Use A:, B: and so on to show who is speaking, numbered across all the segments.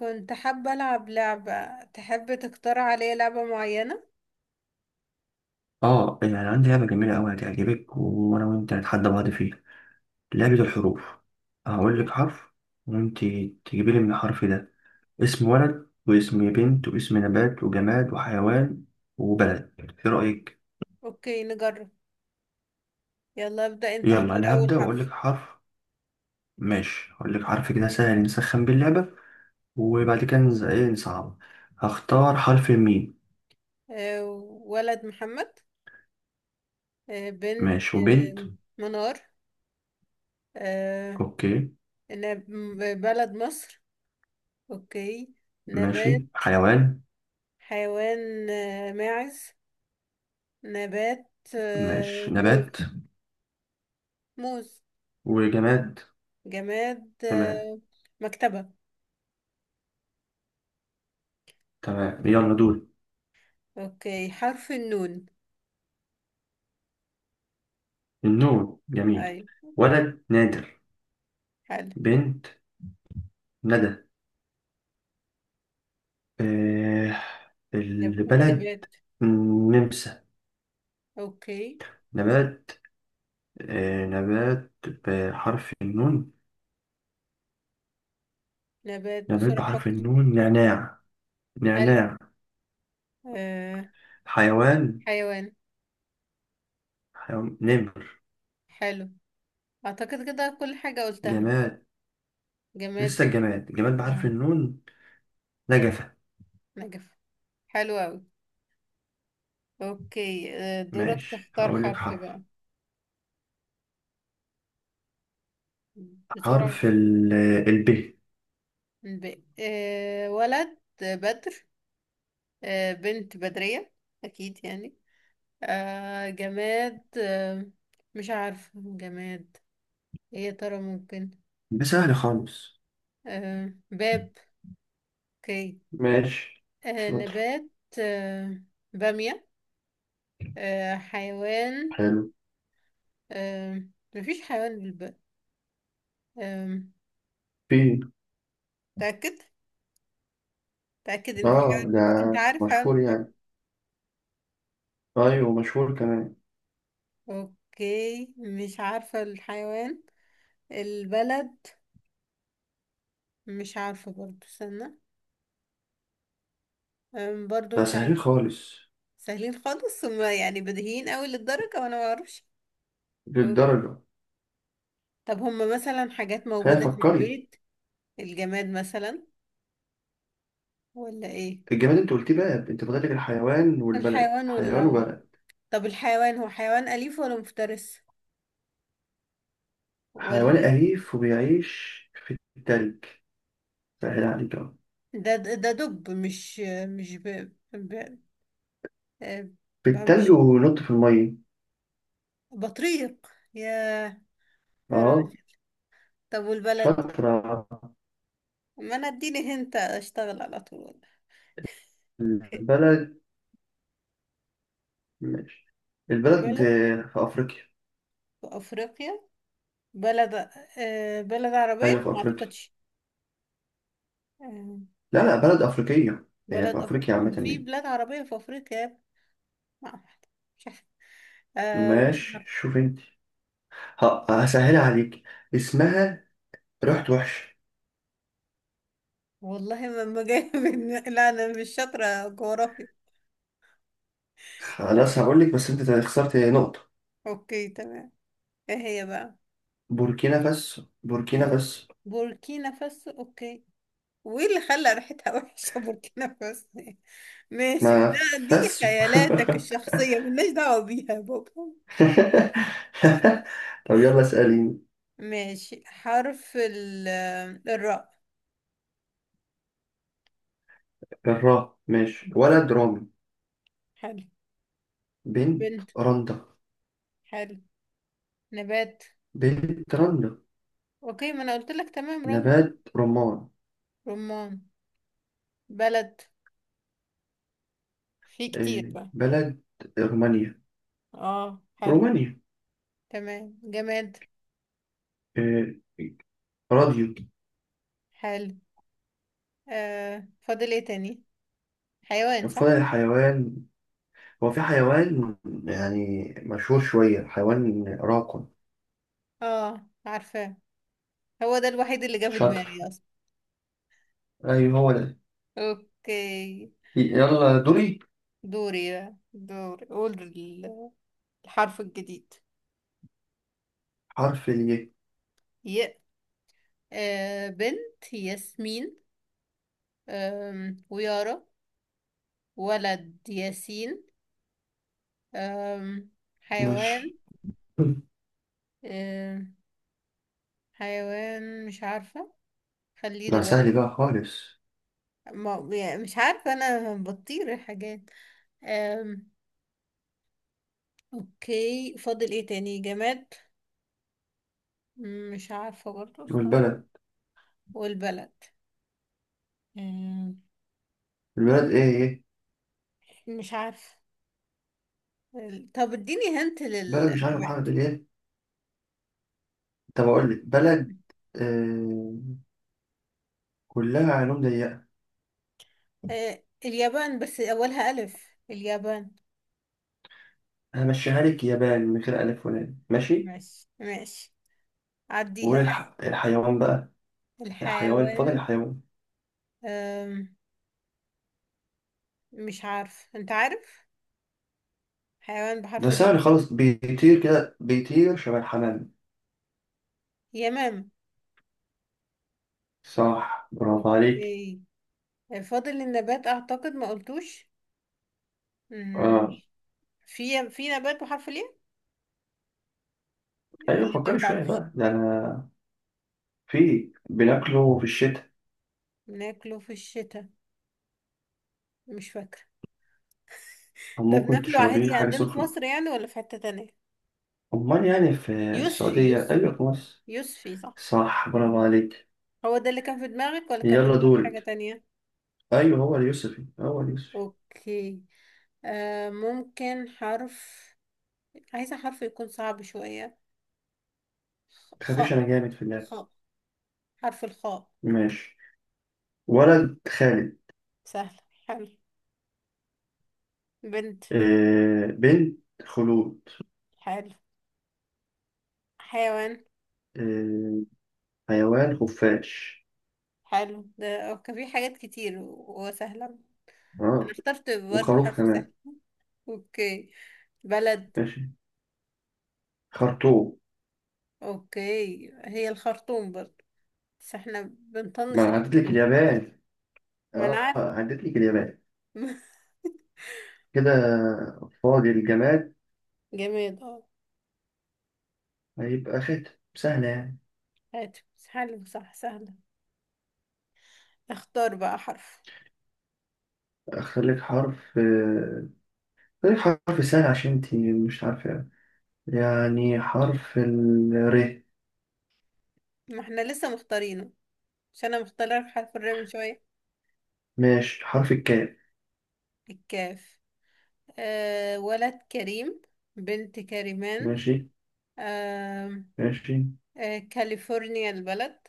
A: كنت حابة ألعب لعبة. تحب تختار عليا لعبة معينة؟
B: اه، يعني عندي لعبة جميلة أوي هتعجبك. وأنا وأنت هنتحدى بعض فيها. لعبة الحروف. هقول
A: أو-
B: لك حرف وأنت تجيبي لي من الحرف ده اسم ولد واسم بنت واسم نبات وجماد وحيوان وبلد. إيه رأيك؟
A: أوكي، نجرب. يلا ابدأ أنت،
B: يلا
A: اختار
B: أنا
A: أول
B: هبدأ وأقول
A: حرف.
B: لك حرف. ماشي، هقول لك حرف كده سهل نسخن بيه اللعبة، وبعد كده إيه نصعب. هختار حرف الميم.
A: آه، ولد محمد. بنت
B: ماشي، وبنت.
A: منار. آه،
B: أوكي.
A: بلد مصر. أوكي.
B: ماشي،
A: نبات.
B: حيوان.
A: حيوان، ماعز. نبات،
B: ماشي، نبات
A: موز. موز.
B: وجماد.
A: جماد،
B: تمام
A: مكتبة.
B: تمام، يلا دول.
A: أوكي، حرف النون.
B: النون جميل.
A: أي.
B: ولد نادر.
A: حلو.
B: بنت ندى. آه، البلد
A: نبات.
B: نمسا.
A: أوكي.
B: نبات، آه نبات بحرف النون.
A: نبات،
B: نبات
A: بسرعة
B: بحرف
A: أفكر.
B: النون،
A: بس،
B: نعناع
A: حلو.
B: نعناع.
A: آه.
B: حيوان،
A: حيوان.
B: حيوان نمر.
A: حلو، أعتقد كده كل حاجة قلتها.
B: جماد،
A: جماد،
B: لسه الجماد، جماد بحرف
A: آه.
B: النون، نجفة.
A: نجف. حلو أوي. أوكي، آه. دورك
B: ماشي،
A: تختار
B: هقول لك
A: حرف بقى.
B: حرف.
A: بسرعة
B: حرف ال ب.
A: آه. ولد بدر. آه. بنت بدرية. أكيد يعني آه. جماد آه. مش عارفة. جماد، إيه يا ترى ممكن؟
B: ده سهل خالص.
A: آه. باب. أوكي.
B: ماشي،
A: آه.
B: شاطر،
A: نبات. آه. بامية. آه، حيوان.
B: حلو.
A: آه، مفيش حيوان بالباء. آه.
B: ب،
A: تأكد، تأكد إن في
B: اه
A: حيوان
B: ده
A: بالباء. أنت عارف حيوان
B: مشهور
A: بالباء؟
B: يعني. ايوه مشهور كمان.
A: أوكي، مش عارفة الحيوان. البلد، مش عارفة برضو، استنى. آه، برضو
B: ده
A: مش
B: سهلين
A: عارفة.
B: خالص.
A: سهلين خالص هما يعني، بديهيين أوي للدرجة وأنا معرفش. أوك.
B: للدرجة.
A: طب هما مثلا حاجات
B: خلينا
A: موجودة في
B: فكري.
A: البيت؟ الجماد مثلا، ولا إيه؟
B: الجماد انت قلتيه بقى، انت فاضلك الحيوان والبلد،
A: الحيوان، ولا
B: حيوان
A: آه.
B: وبلد.
A: طب الحيوان هو حيوان أليف ولا مفترس،
B: حيوان
A: ولا؟
B: أليف وبيعيش في التلج. سهل عليك أهو.
A: ده دب؟ مش آه،
B: في التلج
A: مش
B: وينط في المية.
A: بطريق؟ يا، يا
B: اه،
A: راجل. طب والبلد؟
B: شاطرة.
A: ما انا اديني هنت، اشتغل على طول.
B: البلد، ماشي. البلد،
A: البلد
B: آه، في أفريقيا.
A: في افريقيا؟ بلد، آه، بلد عربية
B: أيوة في
A: ما
B: أفريقيا.
A: اعتقدش. آه،
B: لا لا، بلد أفريقية. هي
A: بلد
B: في
A: أفريقيا؟
B: أفريقيا عامة
A: ما في
B: يعني.
A: بلاد عربية في افريقيا يا ابني. ما أعرف. مش عارف. آه، مش
B: ماشي
A: عارف.
B: شوف انت، هسهلها عليك. اسمها رحت وحش.
A: والله ما جاي لا، انا مش شاطرة جغرافيا. لا.
B: خلاص هقول لك، بس انت خسرت نقطة.
A: اوكي، تمام. ايه هي بقى؟
B: بوركينا فاسو، بوركينا
A: ب...
B: فاسو.
A: بوركينا فاسو، اوكي. وايه اللي خلى ريحتها وحشه بوركينا فاسو ماشي،
B: ما
A: ده، دي
B: فاسو.
A: خيالاتك الشخصيه، ملناش دعوه بيها يا بابا.
B: طب يلا اسأليني.
A: ماشي، حرف الراء.
B: الراء، ماشي. ولد رامي.
A: حلو.
B: بنت
A: بنت،
B: رندا،
A: حلو. نبات.
B: بنت رندا.
A: اوكي، ما انا قلت لك تمام رند.
B: نبات رمان.
A: رمان. بلد، في
B: آه،
A: كتير بقى.
B: بلد رومانيا.
A: اه، حلو.
B: رومانيا.
A: تمام. جماد،
B: آه، راديو.
A: حلو. آه، فاضل ايه تاني؟ حيوان، صح.
B: فضل الحيوان. هو في حيوان يعني مشهور شوية، حيوان راقم.
A: اه عارفه، هو ده الوحيد اللي جه في
B: شاطر،
A: دماغي اصلا.
B: أيوه هو ده.
A: اوكي.
B: يلا دوري.
A: دوري بقى، دوري. قول الحرف الجديد.
B: حرف الياء.
A: ي. آه، بنت ياسمين، آم، ويارا. ولد ياسين. آم. حيوان.
B: ماشي،
A: آم. حيوان، مش عارفة، خليه
B: ده
A: دلوقتي.
B: سهل بقى خالص.
A: ما يعني مش عارفة، انا بطير الحاجات. آم. اوكي، فاضل ايه تاني؟ جماد. مش عارفة برضه، استنى.
B: والبلد،
A: والبلد.
B: البلد ايه ايه.
A: مش عارفة. طب اديني هنت
B: بلد، مش عارف
A: للنبات.
B: حرف الياء. طب اقول لك بلد. آه، كلها علوم ضيقة.
A: آه، اليابان، بس أولها ألف. اليابان.
B: همشيها لك يابان من غير ألف ولام، ماشي.
A: ماشي ماشي. عديها.
B: الحيوان بقى. الحيوان، فاضل
A: الحيوان.
B: الحيوان.
A: أم، مش عارف، أنت عارف حيوان
B: ده
A: بحرف الياء؟
B: سهل خالص، بيطير كده، بيطير شبه الحمام.
A: يمام.
B: صح، برافو عليك.
A: أوكي. فاضل النبات أعتقد، ما قلتوش. مم،
B: اه،
A: في نبات بحرف الياء، ولا
B: ايوه
A: أنت ما
B: فكري شوية
A: تعرفش؟
B: بقى. ده انا في بناكله في الشتاء،
A: بناكله في الشتاء. مش فاكرة.
B: أو
A: ده
B: ممكن
A: بناكله
B: تشربيه
A: عادي
B: حاجة
A: عندنا في
B: سخنة.
A: مصر يعني، ولا في حتة تانية؟
B: أمال يعني في
A: يوسفي،
B: السعودية؟ أيوة،
A: يوسفي.
B: في مصر.
A: يوسفي، صح.
B: صح، برافو عليك.
A: هو ده اللي كان في دماغك، ولا كان في
B: يلا
A: دماغك حاجة
B: دورك.
A: تانية؟
B: أيوة هو اليوسفي، هو اليوسفي.
A: اوكي. آه، ممكن حرف. عايزة حرف يكون صعب شوية.
B: متخافيش،
A: خاء.
B: أنا جامد في اللعب.
A: خاء. حرف الخاء.
B: ماشي، ولد خالد.
A: سهل. حلو. بنت،
B: آه، بنت خلود.
A: حلو. حيوان،
B: آه، حيوان خفاش.
A: حلو. ده كان في حاجات كتير وسهلة. انا
B: آه،
A: اخترت برضه
B: وخروف
A: حرف سهل.
B: كمان.
A: اوكي. بلد.
B: ماشي، خرطوم.
A: اوكي، هي الخرطوم برضه، بس احنا بنطنش
B: ما أنا
A: الألف
B: عديت لك
A: واللام.
B: اليابان.
A: ما انا
B: آه،
A: عارفة
B: عديت لك اليابان. كده. فاضي الجماد.
A: جماد، اه.
B: هيبقى خاتم، سهلة يعني.
A: هاتف، حلو، صح سهلة. اختار بقى حرف.
B: أختار لك حرف، آه، طيب حرف سهل عشان انت مش عارفة يعني. حرف ال ر.
A: ما احنا لسه مختارينه؟ مش انا مختاره لك حرف الراء من شوية.
B: ماشي، حرف الكاف.
A: الكاف. آه، ولد كريم. بنت كريمان.
B: ماشي
A: آه.
B: ماشي.
A: آه، كاليفورنيا، البلد.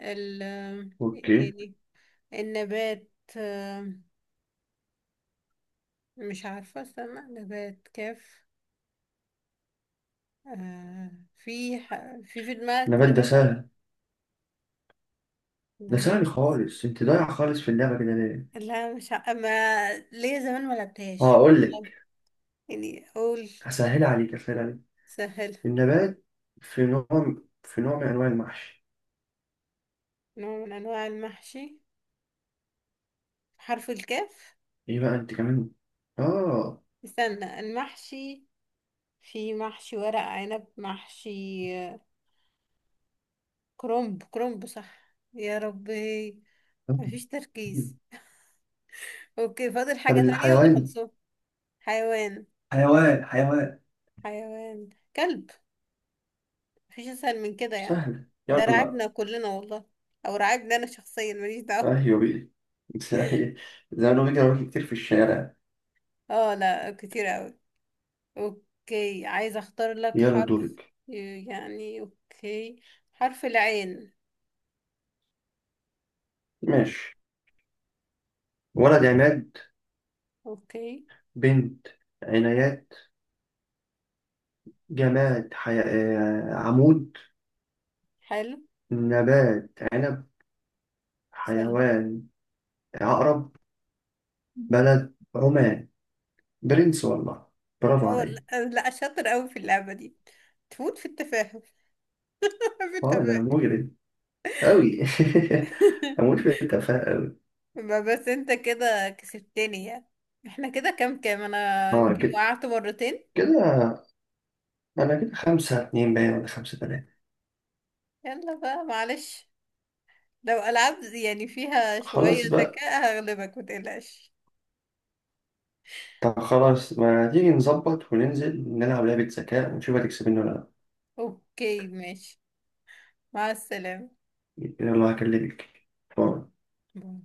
A: ال، آه، ايه
B: اوكي.
A: تاني؟ النبات. آه، مش عارفة، استنى. نبات كاف. آه. في ح... في في دماغك
B: النبات ده
A: نبات
B: سهل، ده
A: نبات؟
B: سهل خالص. انت ضايع خالص في اللعبة كده ليه؟
A: لا، مش ع... ما ليا زمان، ما
B: اه
A: لعبتهاش
B: اقول
A: بجد.
B: لك،
A: يعني اقول.
B: هسهل عليك، هسهل عليك.
A: سهل.
B: النبات، في نوع، في نوع من انواع المحشي.
A: نوع من انواع المحشي. حرف الكاف.
B: ايه بقى انت كمان. اه.
A: استنى، المحشي. في محشي ورق عنب، محشي آه، كرنب. كرنب، صح، يا ربي. مفيش تركيز. اوكي، فاضل
B: طب
A: حاجة تانية ولا
B: الحيوان،
A: خلصوا؟ حيوان.
B: حيوان حيوان.
A: حيوان. كلب. مفيش اسهل من كده يعني.
B: سهل
A: ده
B: يلا.
A: رعبنا كلنا والله. او رعبنا انا شخصيا، ماليش دعوة.
B: ايوه بيه. زي، زي ما بيجري كتير في الشارع.
A: اه لا، كتير اوي. اوكي، عايزة اختار لك
B: يلا
A: حرف.
B: دورك.
A: يعني اوكي. حرف العين.
B: ماشي، ولد عماد.
A: اوكي.
B: بنت عنايات. جماد، آه، عمود.
A: حلو.
B: نبات عنب.
A: سهل.
B: حيوان عقرب. بلد عمان. برنس والله، برافو
A: اه
B: عليا.
A: لا. لا، شاطر قوي في اللعبة دي، تفوت في التفاهة في
B: اه ده انا
A: التفاهة
B: مجرد، أوي. أموت في التفاهة أوي.
A: ما بس انت كده كسبتني يعني. احنا كده كام، كام انا
B: اه
A: يمكن
B: كده،
A: وقعت مرتين.
B: كده. أنا كده 5-2 باين، ولا 5-3.
A: يلا بقى، معلش. لو ألعاب يعني فيها شوية
B: خلاص بقى.
A: ذكاء هغلبك، متقلقش.
B: طب خلاص، ما تيجي نظبط وننزل نلعب لعبة ذكاء ونشوف هتكسبني ولا لأ.
A: اوكي ماشي. مع السلامة.
B: يلا هكلمك. باي.
A: باي.